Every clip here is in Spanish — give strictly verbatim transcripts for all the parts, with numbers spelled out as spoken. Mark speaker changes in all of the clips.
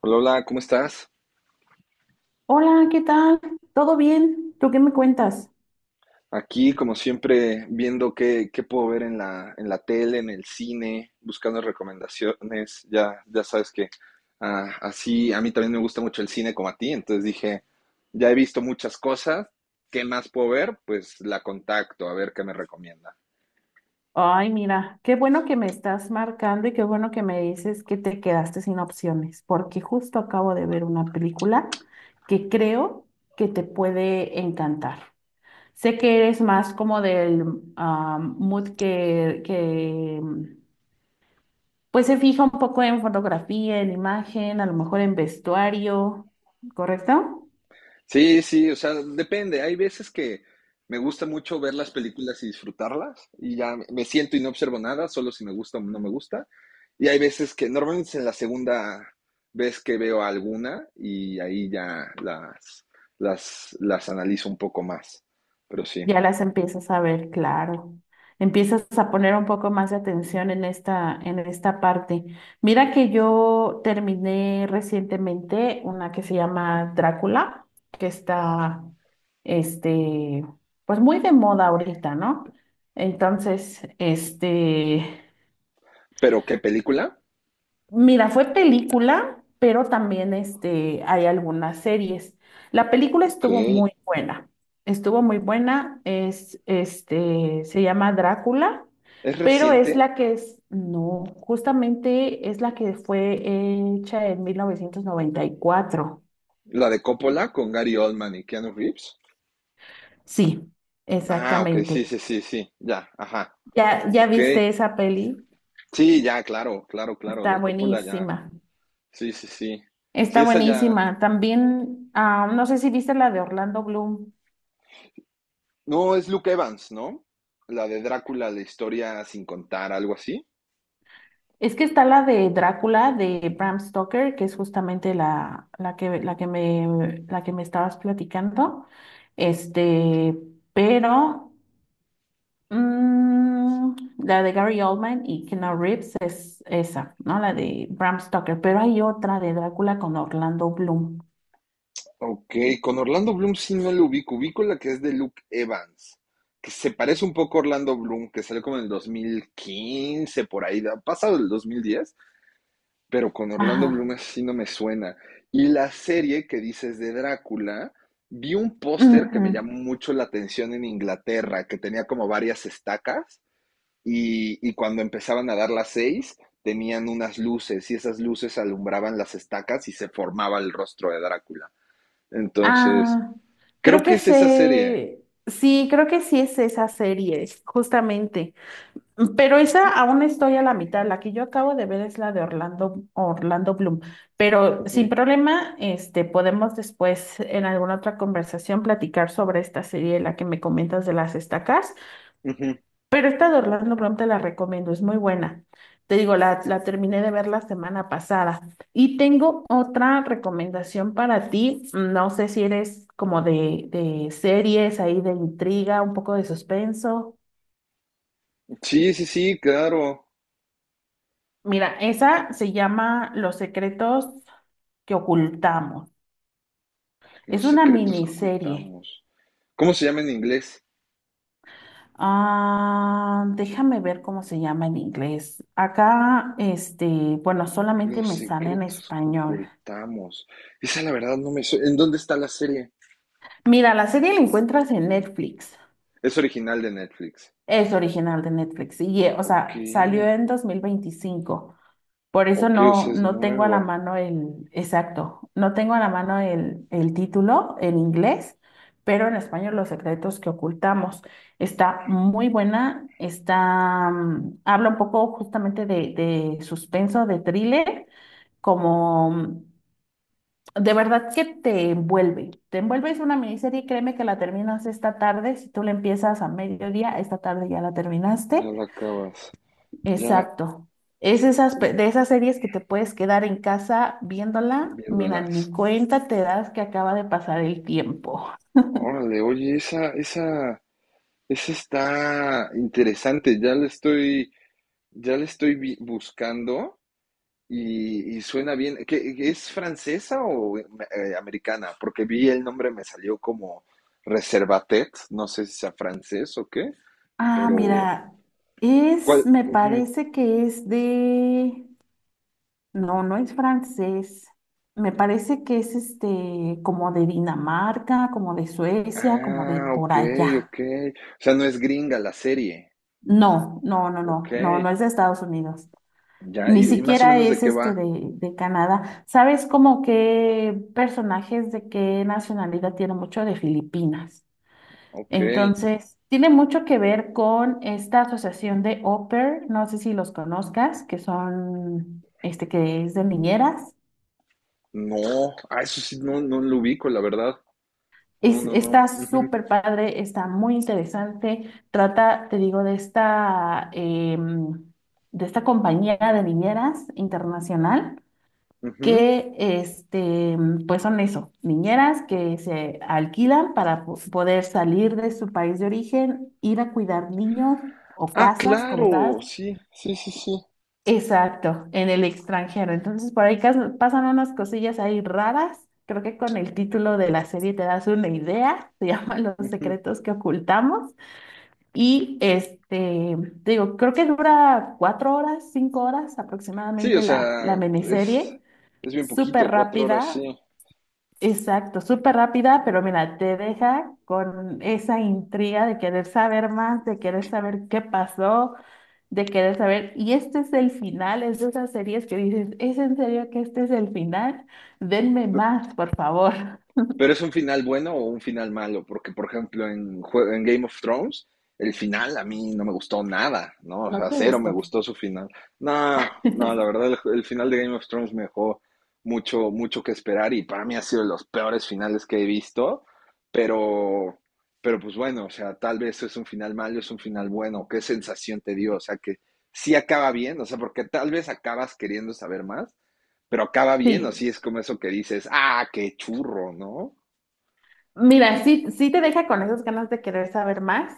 Speaker 1: Hola, hola, ¿cómo estás?
Speaker 2: Hola, ¿qué tal? ¿Todo bien? ¿Tú qué me cuentas?
Speaker 1: Aquí, como siempre, viendo qué, qué puedo ver en la, en la tele, en el cine, buscando recomendaciones. Ya, ya sabes que ah, así a mí también me gusta mucho el cine como a ti. Entonces dije, ya he visto muchas cosas, ¿qué más puedo ver? Pues la contacto, a ver qué me recomienda.
Speaker 2: Ay, mira, qué bueno que me estás marcando y qué bueno que me dices que te quedaste sin opciones, porque justo acabo de ver una película que creo que te puede encantar. Sé que eres más como del ah, mood que, que mm, pues se fija un poco en fotografía, en imagen, a lo mejor en vestuario, ¿correcto?
Speaker 1: Sí, sí, o sea, depende. Hay veces que me gusta mucho ver las películas y disfrutarlas y ya me siento y no observo nada, solo si me gusta o no me gusta. Y hay veces que normalmente es en la segunda vez que veo alguna y ahí ya las, las, las analizo un poco más. Pero sí.
Speaker 2: Ya las empiezas a ver, claro. Empiezas a poner un poco más de atención en esta, en esta parte. Mira que yo terminé recientemente una que se llama Drácula, que está, este, pues muy de moda ahorita, ¿no? Entonces, este,
Speaker 1: ¿Pero qué película?
Speaker 2: mira, fue película, pero también este, hay algunas series. La película
Speaker 1: Ok.
Speaker 2: estuvo muy buena. Estuvo muy buena. Es, este, se llama Drácula,
Speaker 1: ¿Es
Speaker 2: pero es
Speaker 1: reciente?
Speaker 2: la que es, no, justamente es la que fue hecha en mil novecientos noventa y cuatro.
Speaker 1: ¿La de Coppola con Gary Oldman y Keanu Reeves?
Speaker 2: Sí,
Speaker 1: Ah, ok, sí,
Speaker 2: exactamente.
Speaker 1: sí, sí, sí. Ya, ajá.
Speaker 2: ¿Ya, ya
Speaker 1: Ok.
Speaker 2: viste esa peli?
Speaker 1: Sí, ya, claro, claro, claro,
Speaker 2: Está
Speaker 1: de Coppola ya.
Speaker 2: buenísima.
Speaker 1: Sí, sí, sí. Sí,
Speaker 2: Está
Speaker 1: esa ya.
Speaker 2: buenísima. También, ah, no sé si viste la de Orlando Bloom.
Speaker 1: No, es Luke Evans, ¿no? La de Drácula, la historia sin contar, algo así.
Speaker 2: Es que está la de Drácula de Bram Stoker, que es justamente la, la que, la que me, la que me estabas platicando. Este, pero mm, la de Gary Oldman y Keanu Reeves es esa, ¿no? La de Bram Stoker. Pero hay otra de Drácula con Orlando Bloom.
Speaker 1: Ok, con Orlando Bloom sí no lo ubico. Ubico la que es de Luke Evans, que se parece un poco a Orlando Bloom, que salió como en el dos mil quince por ahí, da- pasado el dos mil diez. Pero con Orlando
Speaker 2: Ajá.
Speaker 1: Bloom así no me suena. Y la serie que dices de Drácula, vi un póster que
Speaker 2: Ujú.
Speaker 1: me llamó mucho la atención en Inglaterra, que tenía como varias estacas y, y cuando empezaban a dar las seis tenían unas luces y esas luces alumbraban las estacas y se formaba el rostro de Drácula. Entonces,
Speaker 2: Ah, creo
Speaker 1: creo que
Speaker 2: que
Speaker 1: es esa serie.
Speaker 2: se, sí, creo que sí es esa serie, justamente. Pero esa aún estoy a la mitad. La que yo acabo de ver es la de Orlando, Orlando Bloom. Pero sin
Speaker 1: Ujú,
Speaker 2: problema, este, podemos después en alguna otra conversación platicar sobre esta serie, la que me comentas de las estacas.
Speaker 1: ujú.
Speaker 2: Pero esta de Orlando Bloom te la recomiendo, es muy buena. Te digo, la, la terminé de ver la semana pasada. Y tengo otra recomendación para ti. No sé si eres como de, de series ahí, de intriga, un poco de suspenso.
Speaker 1: Sí, sí, sí, claro.
Speaker 2: Mira, esa se llama Los secretos que ocultamos. Es
Speaker 1: Los
Speaker 2: una
Speaker 1: secretos que
Speaker 2: miniserie.
Speaker 1: ocultamos. ¿Cómo se llama en inglés?
Speaker 2: Ah, déjame ver cómo se llama en inglés. Acá, este, bueno, solamente
Speaker 1: Los
Speaker 2: me sale en
Speaker 1: secretos que
Speaker 2: español.
Speaker 1: ocultamos. Esa la verdad no me... su- ¿En dónde está la serie?
Speaker 2: Mira, la serie la encuentras en Netflix.
Speaker 1: Es original de Netflix.
Speaker 2: Es original de Netflix. Y, eh, o
Speaker 1: Ok.
Speaker 2: sea, salió en dos mil veinticinco. Por eso
Speaker 1: Ok, o
Speaker 2: no,
Speaker 1: sea, es
Speaker 2: no tengo a la
Speaker 1: nueva.
Speaker 2: mano el, exacto, no tengo a la mano el, el título en inglés, pero en español Los secretos que ocultamos. Está muy buena, está, mm, habla un poco justamente de, de suspenso, de thriller, como mm, de verdad que te envuelve. Te envuelve, es una miniserie, créeme que la terminas esta tarde, si tú la empiezas a mediodía, esta tarde ya la terminaste.
Speaker 1: Ya la acabas. Ya
Speaker 2: Exacto. Es esas, pe- de esas series que te puedes quedar en casa viéndola. Mira,
Speaker 1: viéndolas.
Speaker 2: ni cuenta te das que acaba de pasar el tiempo.
Speaker 1: Órale, oye, esa, esa, esa está interesante. Ya la estoy, ya la estoy vi- buscando y, y suena bien. ¿Qué, es francesa o eh, americana? Porque vi el nombre, me salió como Reservatet. No sé si sea francés o qué.
Speaker 2: Ah,
Speaker 1: Pero,
Speaker 2: mira, es,
Speaker 1: ¿cuál?
Speaker 2: me
Speaker 1: Ujú.
Speaker 2: parece que es de, no, no es francés. Me parece que es este, como de Dinamarca, como de Suecia, como de
Speaker 1: Ah,
Speaker 2: por
Speaker 1: ok,
Speaker 2: allá.
Speaker 1: ok. O sea, no es gringa la serie.
Speaker 2: No, no, no,
Speaker 1: Ok,
Speaker 2: no, no, no es de Estados Unidos.
Speaker 1: ya.
Speaker 2: Ni
Speaker 1: ¿Y, y más o
Speaker 2: siquiera
Speaker 1: menos de
Speaker 2: es
Speaker 1: qué
Speaker 2: este
Speaker 1: va?
Speaker 2: de, de Canadá. ¿Sabes como qué personajes de qué nacionalidad tiene mucho de Filipinas?
Speaker 1: Ok.
Speaker 2: Entonces, tiene mucho que ver con esta asociación de au pair, no sé si los conozcas, que son, este, que es de niñeras.
Speaker 1: No, ah, eso sí, no, no lo ubico, la verdad. No,
Speaker 2: Es,
Speaker 1: no, no.
Speaker 2: está
Speaker 1: Ujú,
Speaker 2: súper padre, está muy interesante. Trata, te digo, de esta, em, de esta compañía de niñeras internacional
Speaker 1: ujú.
Speaker 2: que este, pues son eso, niñeras que se alquilan para po- poder salir de su país de origen, ir a cuidar niños o
Speaker 1: Ah,
Speaker 2: casas como tal.
Speaker 1: claro, sí, sí, sí, sí.
Speaker 2: Exacto, en el extranjero. Entonces por ahí cas- pasan unas cosillas ahí raras. Creo que con el título de la serie te das una idea. Se llama Los
Speaker 1: Ujú.
Speaker 2: secretos que ocultamos. Y este, te digo, creo que dura cuatro horas, cinco horas
Speaker 1: Sí, o
Speaker 2: aproximadamente
Speaker 1: sea,
Speaker 2: la, la
Speaker 1: es,
Speaker 2: miniserie
Speaker 1: es bien
Speaker 2: súper
Speaker 1: poquito, cuatro horas,
Speaker 2: rápida,
Speaker 1: sí.
Speaker 2: exacto, súper rápida, pero mira, te deja con esa intriga de querer saber más, de querer saber qué pasó, de querer saber, y este es el final, es de esas series que dices, ¿es en serio que este es el final? Denme más, por favor.
Speaker 1: Pero es un final bueno o un final malo, porque por ejemplo en, jue- en Game of Thrones, el final a mí no me gustó nada, ¿no? O
Speaker 2: ¿No
Speaker 1: sea,
Speaker 2: te
Speaker 1: cero me
Speaker 2: gustó?
Speaker 1: gustó su final. No, no, la verdad el, el final de Game of Thrones me dejó mucho, mucho que esperar y para mí ha sido de los peores finales que he visto, pero, pero pues bueno, o sea, tal vez es un final malo, es un final bueno, ¿qué sensación te dio? O sea, que sí acaba bien, o sea, porque tal vez acabas queriendo saber más, pero acaba bien, o
Speaker 2: Sí,
Speaker 1: sí es como eso que dices, ah, qué churro, ¿no?
Speaker 2: mira, sí, sí te deja con esas ganas de querer saber más.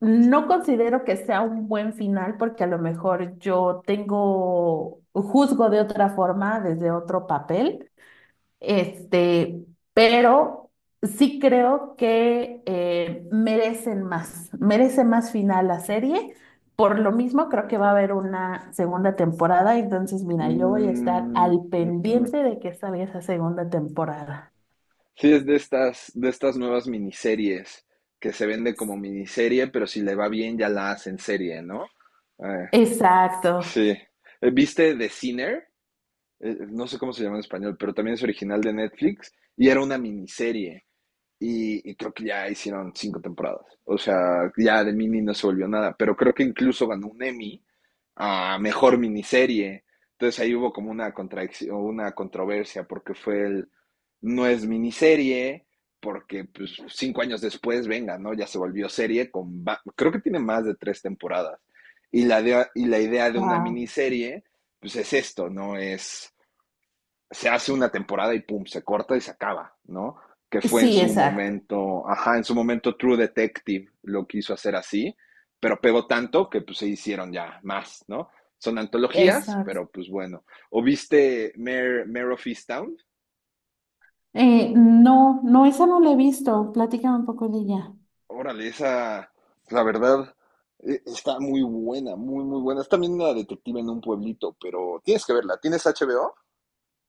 Speaker 2: No considero que sea un buen final porque a lo mejor yo tengo, juzgo de otra forma, desde otro papel. Este, pero sí creo que eh, merecen más, merece más final la serie. Por lo mismo, creo que va a haber una segunda temporada. Entonces, mira, yo voy a estar
Speaker 1: Mm,
Speaker 2: al
Speaker 1: ujú.
Speaker 2: pendiente de que salga esa segunda temporada.
Speaker 1: Sí, es de estas, de estas nuevas miniseries que se vende como miniserie, pero si le va bien ya la hacen serie, ¿no? Eh,
Speaker 2: Exacto.
Speaker 1: sí. Eh, ¿Viste The Sinner? Eh, no sé cómo se llama en español, pero también es original de Netflix y era una miniserie. Y, y creo que ya hicieron cinco temporadas. O sea, ya de mini no se volvió nada. Pero creo que incluso ganó un Emmy a mejor miniserie. Entonces ahí hubo como una contradicción, una controversia, porque fue el no es miniserie, porque pues, cinco años después, venga, ¿no? Ya se volvió serie con va- creo que tiene más de tres temporadas. Y la de- y la idea de una
Speaker 2: Wow.
Speaker 1: miniserie, pues es esto, ¿no? Es Se hace una temporada y pum, se corta y se acaba, ¿no? Que fue en
Speaker 2: Sí,
Speaker 1: su
Speaker 2: exacto.
Speaker 1: momento, ajá, en su momento True Detective lo quiso hacer así, pero pegó tanto que pues se hicieron ya más, ¿no? Son antologías,
Speaker 2: Exacto.
Speaker 1: pero pues bueno. ¿O viste Mare, Mare of Easttown?
Speaker 2: Eh, no, no, esa no la he visto. Platícame un poco de ella.
Speaker 1: Órale, esa, la verdad, eh, está muy buena, muy, muy buena. Es también una detective en un pueblito, pero tienes que verla. ¿Tienes H B O?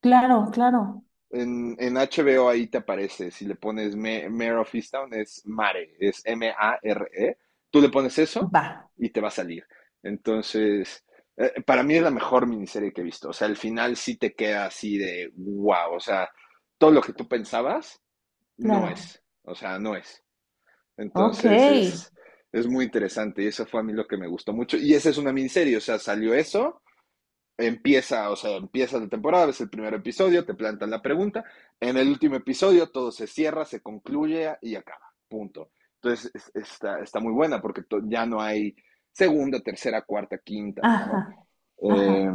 Speaker 2: Claro, claro.
Speaker 1: En, en H B O ahí te aparece, si le pones Ma- Mare of Easttown es Mare, es M A R E. Tú le pones eso
Speaker 2: Va,
Speaker 1: y te va a salir. Entonces, eh, para mí es la mejor miniserie que he visto. O sea, al final sí te queda así de wow. O sea, todo lo que tú pensabas no
Speaker 2: claro.
Speaker 1: es. O sea, no es.
Speaker 2: Ok.
Speaker 1: Entonces es, es muy interesante y eso fue a mí lo que me gustó mucho. Y esa es una miniserie, o sea, salió eso empieza, o sea, empieza la temporada, es el primer episodio, te plantan la pregunta, en el último episodio todo se cierra, se concluye y acaba, punto. Entonces es- está, está muy buena porque to- ya no hay segunda, tercera, cuarta, quinta, ¿no?
Speaker 2: Ajá,
Speaker 1: Eh,
Speaker 2: ajá.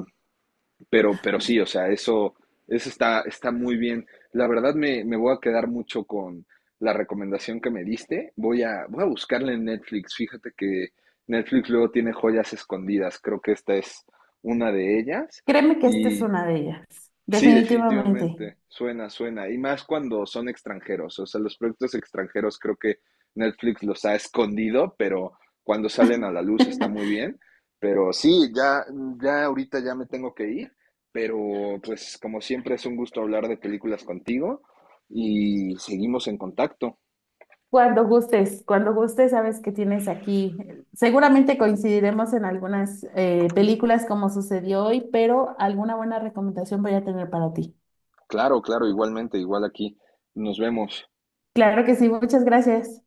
Speaker 1: pero, pero sí, o sea, eso, eso está, está muy bien. La verdad me, me voy a quedar mucho con la recomendación que me diste. Voy a, voy a buscarla en Netflix. Fíjate que Netflix luego tiene joyas escondidas. Creo que esta es una de ellas.
Speaker 2: Créeme que esta es una de ellas,
Speaker 1: Sí,
Speaker 2: definitivamente.
Speaker 1: definitivamente, suena, suena. Y más cuando son extranjeros. O sea, los proyectos extranjeros creo que Netflix los ha escondido, pero cuando salen a la luz está muy bien. Pero sí, ya, ya ahorita ya me tengo que ir, pero pues como siempre es un gusto hablar de películas contigo y seguimos en contacto.
Speaker 2: Cuando gustes, cuando gustes, sabes que tienes aquí. Seguramente coincidiremos en algunas eh, películas como sucedió hoy, pero alguna buena recomendación voy a tener para ti.
Speaker 1: Claro, claro, igualmente, igual aquí. Nos vemos.
Speaker 2: Claro que sí, muchas gracias.